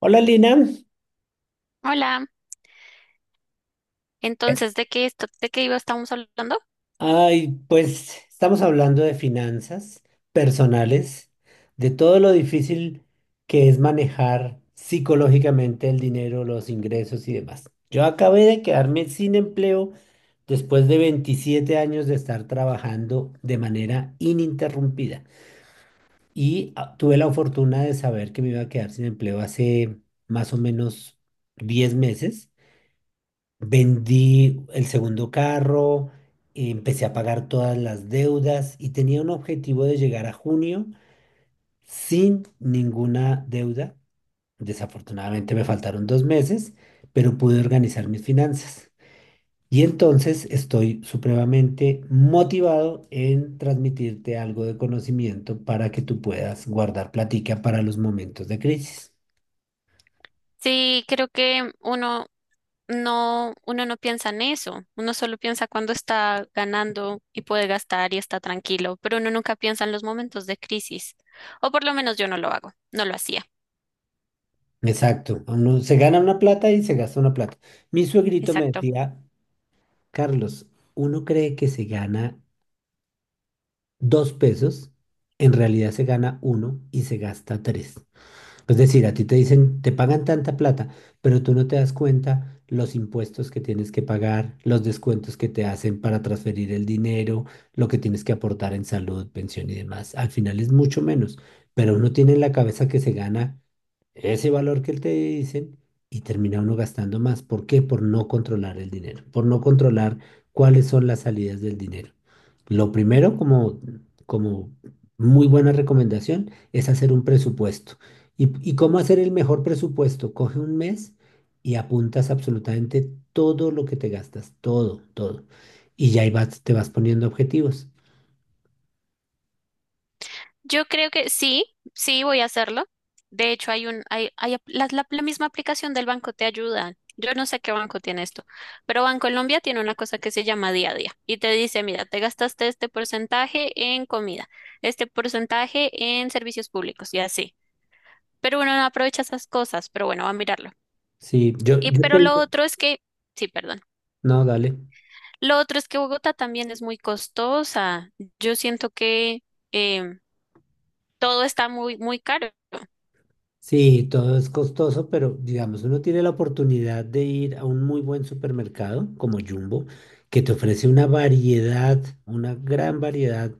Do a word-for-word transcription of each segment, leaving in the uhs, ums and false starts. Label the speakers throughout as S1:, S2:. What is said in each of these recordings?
S1: Hola Lina,
S2: Hola. Entonces, ¿de qué esto, de qué iba estamos hablando?
S1: ay, pues estamos hablando de finanzas personales, de todo lo difícil que es manejar psicológicamente el dinero, los ingresos y demás. Yo acabé de quedarme sin empleo después de veintisiete años de estar trabajando de manera ininterrumpida y ah, tuve la fortuna de saber que me iba a quedar sin empleo hace más o menos diez meses. Vendí el segundo carro, empecé a pagar todas las deudas y tenía un objetivo de llegar a junio sin ninguna deuda. Desafortunadamente me faltaron dos meses, pero pude organizar mis finanzas. Y entonces estoy supremamente motivado en transmitirte algo de conocimiento para que tú puedas guardar platica para los momentos de crisis.
S2: Sí, creo que uno no, uno no piensa en eso, uno solo piensa cuando está ganando y puede gastar y está tranquilo, pero uno nunca piensa en los momentos de crisis, o por lo menos yo no lo hago, no lo hacía.
S1: Exacto, uno se gana una plata y se gasta una plata. Mi suegrito me
S2: Exacto.
S1: decía Carlos, uno cree que se gana dos pesos, en realidad se gana uno y se gasta tres. Es decir, a ti te dicen, te pagan tanta plata, pero tú no te das cuenta los impuestos que tienes que pagar, los descuentos que te hacen para transferir el dinero, lo que tienes que aportar en salud, pensión y demás. Al final es mucho menos, pero uno tiene en la cabeza que se gana ese valor que te dicen y termina uno gastando más. ¿Por qué? Por no controlar el dinero, por no controlar cuáles son las salidas del dinero. Lo primero, como, como muy buena recomendación, es hacer un presupuesto. ¿Y, y cómo hacer el mejor presupuesto? Coge un mes y apuntas absolutamente todo lo que te gastas, todo, todo. Y ya ahí vas, te vas poniendo objetivos.
S2: Yo creo que sí, sí voy a hacerlo. De hecho, hay un, hay, hay ap- la, la- la misma aplicación del banco te ayuda. Yo no sé qué banco tiene esto, pero Bancolombia tiene una cosa que se llama día a día y te dice, mira, te gastaste este porcentaje en comida, este porcentaje en servicios públicos y así. Pero uno no aprovecha esas cosas, pero bueno, va a mirarlo.
S1: Sí, yo,
S2: Y
S1: yo
S2: pero lo
S1: tengo...
S2: otro es que, sí, perdón.
S1: No, dale.
S2: Lo otro es que Bogotá también es muy costosa. Yo siento que em, todo está muy, muy caro.
S1: Sí, todo es costoso, pero digamos, uno tiene la oportunidad de ir a un muy buen supermercado como Jumbo, que te ofrece una variedad, una gran variedad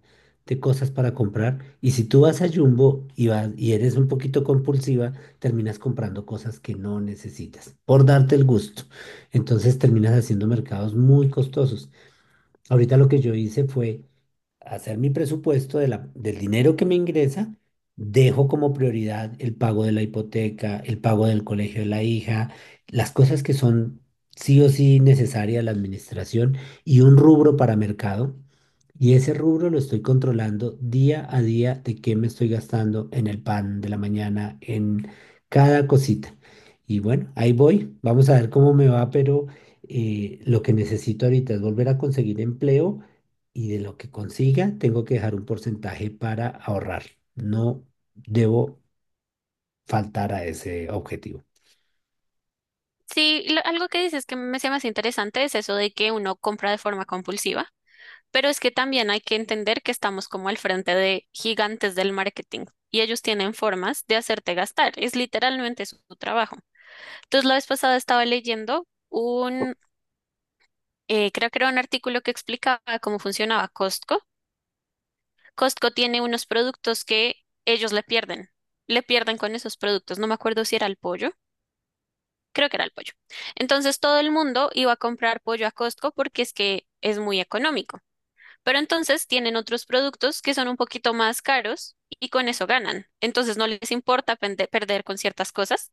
S1: de cosas para comprar. Y si tú vas a Jumbo y vas, y eres un poquito compulsiva, terminas comprando cosas que no necesitas, por darte el gusto. Entonces terminas haciendo mercados muy costosos. Ahorita lo que yo hice fue hacer mi presupuesto de la- del dinero que me ingresa, dejo como prioridad el pago de la hipoteca, el pago del colegio de la hija, las cosas que son sí o sí necesarias a la administración y un rubro para mercado. Y ese rubro lo estoy controlando día a día de qué me estoy gastando en el pan de la mañana, en cada cosita. Y bueno, ahí voy. Vamos a ver cómo me va, pero eh, lo que necesito ahorita es volver a conseguir empleo y de lo que consiga tengo que dejar un porcentaje para ahorrar. No debo faltar a ese objetivo.
S2: Sí, y lo- algo que dices que me se me hace interesante es eso de que uno compra de forma compulsiva, pero es que también hay que entender que estamos como al frente de gigantes del marketing y ellos tienen formas de hacerte gastar, es literalmente su, su trabajo. Entonces, la vez pasada estaba leyendo un, eh, creo que era un artículo que explicaba cómo funcionaba Costco. Costco tiene unos productos que ellos le pierden, le pierden con esos productos. No me acuerdo si era el pollo, creo que era el pollo. Entonces todo el mundo iba a comprar pollo a Costco porque es que es muy económico. Pero entonces tienen otros productos que son un poquito más caros y con eso ganan. Entonces no les importa pende- perder con ciertas cosas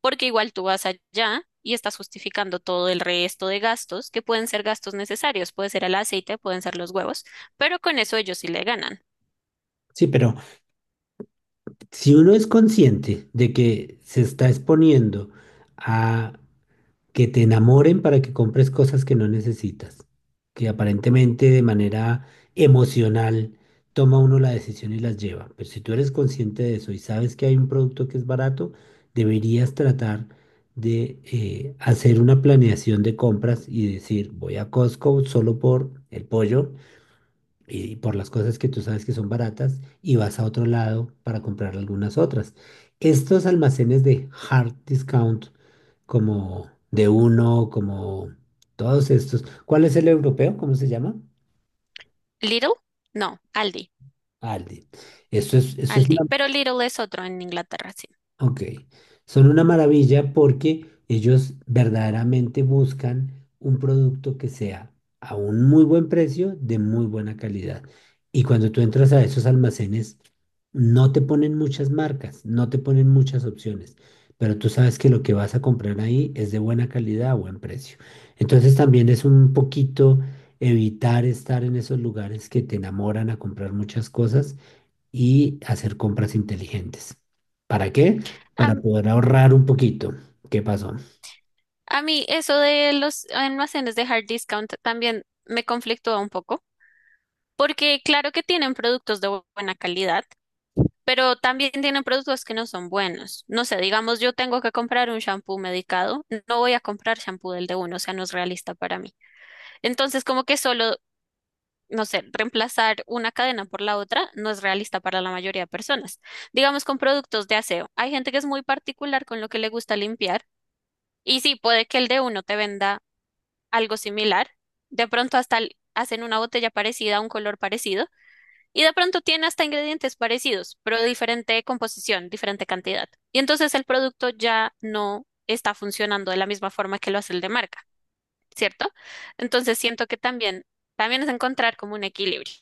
S2: porque igual tú vas allá y estás justificando todo el resto de gastos que pueden ser gastos necesarios. Puede ser el aceite, pueden ser los huevos, pero con eso ellos sí le ganan.
S1: Sí, pero si uno es consciente de que se está exponiendo a que te enamoren para que compres cosas que no necesitas, que aparentemente de manera emocional toma uno la decisión y las lleva. Pero si tú eres consciente de eso y sabes que hay un producto que es barato, deberías tratar de eh, hacer una planeación de compras y decir, voy a Costco solo por el pollo y por las cosas que tú sabes que son baratas y vas a otro lado para comprar algunas otras. Estos almacenes de hard discount como de uno, como todos estos. ¿Cuál es el europeo? ¿Cómo se llama?
S2: Lidl, no, Aldi,
S1: Aldi. Eso es, eso es una...
S2: Aldi. Pero Lidl es otro en Inglaterra, sí.
S1: Ok, son una maravilla porque ellos verdaderamente buscan un producto que sea a un muy buen precio, de muy buena calidad. Y cuando tú entras a esos almacenes, no te ponen muchas marcas, no te ponen muchas opciones, pero tú sabes que lo que vas a comprar ahí es de buena calidad a buen precio. Entonces también es un poquito evitar estar en esos lugares que te enamoran a comprar muchas cosas y hacer compras inteligentes. ¿Para qué? Para poder ahorrar un poquito. ¿Qué pasó?
S2: A mí eso de los almacenes de hard discount también me conflictúa un poco, porque claro que tienen productos de bu- buena calidad, pero también tienen productos que no son buenos. No sé, digamos, yo tengo que comprar un shampoo medicado, no voy a comprar shampoo del de uno, o sea, no es realista para mí. Entonces, como que solo, no sé, reemplazar una cadena por la otra no es realista para la mayoría de personas. Digamos, con productos de aseo, hay gente que es muy particular con lo que le gusta limpiar. Y sí, puede que el de uno te venda algo similar. De pronto hasta l- hacen una botella parecida, un color parecido, y de pronto tiene hasta ingredientes parecidos, pero diferente composición, diferente cantidad. Y entonces el producto ya no está funcionando de la misma forma que lo hace el de marca, ¿cierto? Entonces siento que también, también es encontrar como un equilibrio.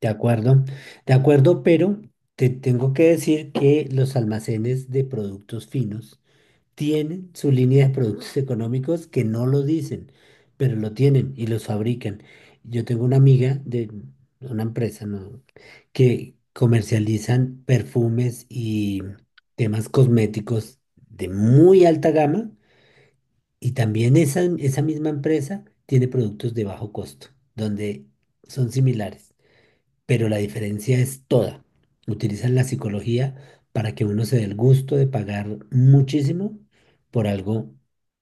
S1: De acuerdo, de acuerdo, pero te tengo que decir que los almacenes de productos finos tienen su línea de productos económicos que no lo dicen, pero lo tienen y los fabrican. Yo tengo una amiga de una empresa, ¿no?, que comercializan perfumes y temas cosméticos de muy alta gama. Y también esa, esa misma empresa tiene productos de bajo costo, donde son similares, pero la diferencia es toda. Utilizan la psicología para que uno se dé el gusto de pagar muchísimo por algo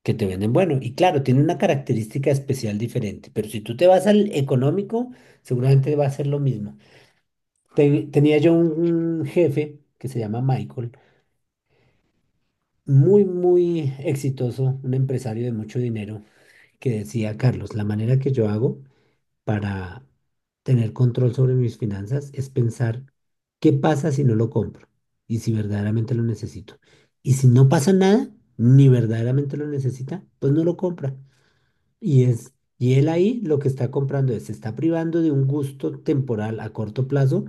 S1: que te venden bueno. Y claro, tiene una característica especial diferente, pero si tú te vas al económico, seguramente va a ser lo mismo. Te- tenía yo un jefe que se llama Michael, muy, muy exitoso, un empresario de mucho dinero, que decía Carlos, la manera que yo hago para tener control sobre mis finanzas es pensar qué pasa si no lo compro y si verdaderamente lo necesito. Y si no pasa nada, ni verdaderamente lo necesita, pues no lo compra. Y es, y él ahí lo que está comprando es, se está privando de un gusto temporal a corto plazo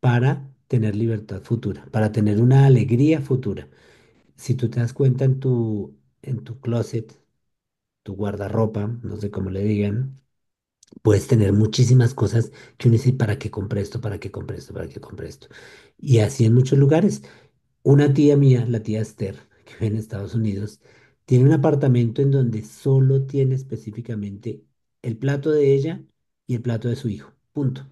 S1: para tener libertad futura, para tener una alegría futura. Si tú te das cuenta en tu en tu closet, tu guardarropa, no sé cómo le digan, puedes tener muchísimas cosas que uno dice, ¿para qué compré esto? ¿Para qué compré esto? ¿Para qué compré esto? Y así en muchos lugares. Una tía mía, la tía Esther, que vive en Estados Unidos, tiene un apartamento en donde solo tiene específicamente el plato de ella y el plato de su hijo. Punto.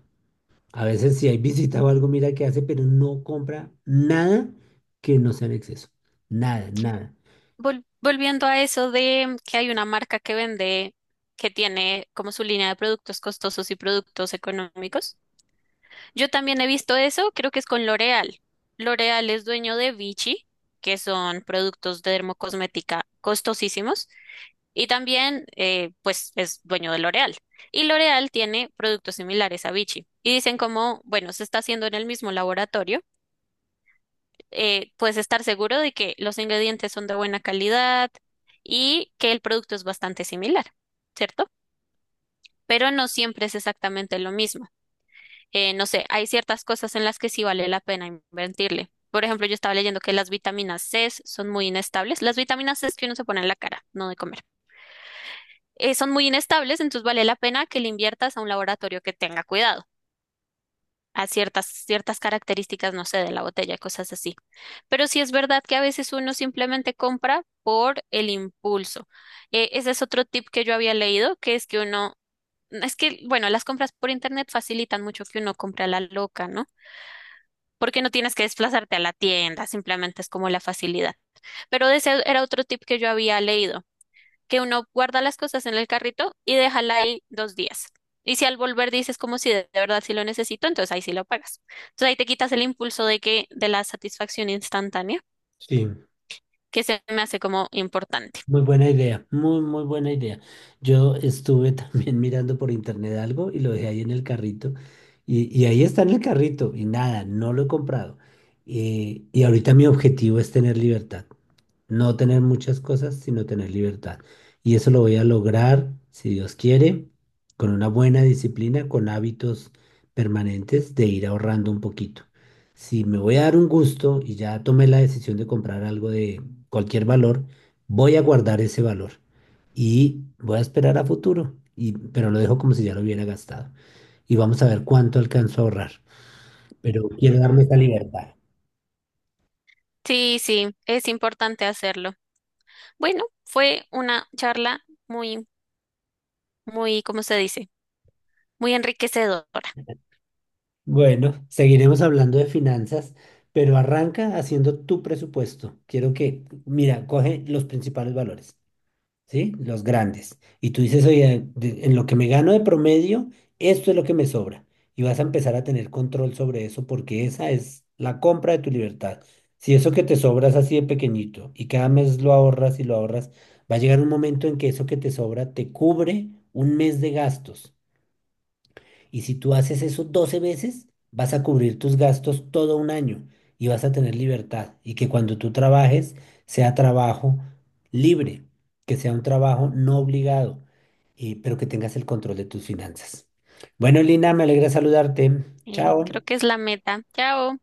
S1: A veces si hay visita o algo, mira qué hace, pero no compra nada que no sea en exceso. Nada, nada.
S2: Vol- volviendo a eso de que hay una marca que vende, que tiene como su línea de productos costosos y productos económicos. Yo también he visto eso, creo que es con L'Oréal. L'Oréal es dueño de Vichy, que son productos de dermocosmética costosísimos, y también eh, pues es dueño de L'Oréal. Y L'Oréal tiene productos similares a Vichy. Y dicen como, bueno, se está haciendo en el mismo laboratorio, eh, puedes estar seguro de que los ingredientes son de buena calidad y que el producto es bastante similar, ¿cierto? Pero no siempre es exactamente lo mismo. Eh, no sé, hay ciertas cosas en las que sí vale la pena invertirle. Por ejemplo, yo estaba leyendo que las vitaminas C son muy inestables. Las vitaminas C que uno se pone en la cara, no de comer. Eh, son muy inestables, entonces vale la pena que le inviertas a un laboratorio que tenga cuidado, a ciertas, ciertas características, no sé, de la botella, cosas así. Pero sí es verdad que a veces uno simplemente compra por el impulso. Eh, ese es otro tip que yo había leído, que es que uno. Es que, bueno, las compras por internet facilitan mucho que uno compre a la loca, ¿no? Porque no tienes que desplazarte a la tienda, simplemente es como la facilidad. Pero ese era otro tip que yo había leído, que uno guarda las cosas en el carrito y déjala ahí dos días. Y si al volver dices como si de de verdad sí lo necesito, entonces ahí sí lo pagas. Entonces ahí te quitas el impulso de que, de la satisfacción instantánea,
S1: Sí.
S2: que se me hace como importante.
S1: Muy buena idea, muy, muy buena idea. Yo estuve también mirando por internet algo y lo dejé ahí en el carrito. Y, y ahí está en el carrito y nada, no lo he comprado. Eh, y ahorita mi objetivo es tener libertad. No tener muchas cosas, sino tener libertad. Y eso lo voy a lograr, si Dios quiere, con una buena disciplina, con hábitos permanentes de ir ahorrando un poquito. Si me voy a dar un gusto y ya tomé la decisión de comprar algo de cualquier valor, voy a guardar ese valor y voy a esperar a futuro, y, pero lo dejo como si ya lo hubiera gastado. Y vamos a ver cuánto alcanzo a ahorrar. Pero quiero darme esa libertad.
S2: Sí, sí, es importante hacerlo. Bueno, fue una charla muy, muy, ¿cómo se dice? Muy enriquecedora.
S1: Bueno, seguiremos hablando de finanzas, pero arranca haciendo tu presupuesto. Quiero que, mira, coge los principales valores, ¿sí? Los grandes. Y tú dices, oye, de- en lo que me gano de promedio, esto es lo que me sobra. Y vas a empezar a tener control sobre eso porque esa es la compra de tu libertad. Si eso que te sobra es así de pequeñito y cada mes lo ahorras y lo ahorras, va a llegar un momento en que eso que te sobra te cubre un mes de gastos. Y si tú haces eso doce veces, vas a cubrir tus gastos todo un año y vas a tener libertad. Y que cuando tú trabajes sea trabajo libre, que sea un trabajo no obligado, y- pero que tengas el control de tus finanzas. Bueno, Lina, me alegra saludarte.
S2: Eh, creo
S1: Chao.
S2: que es la meta. Chao.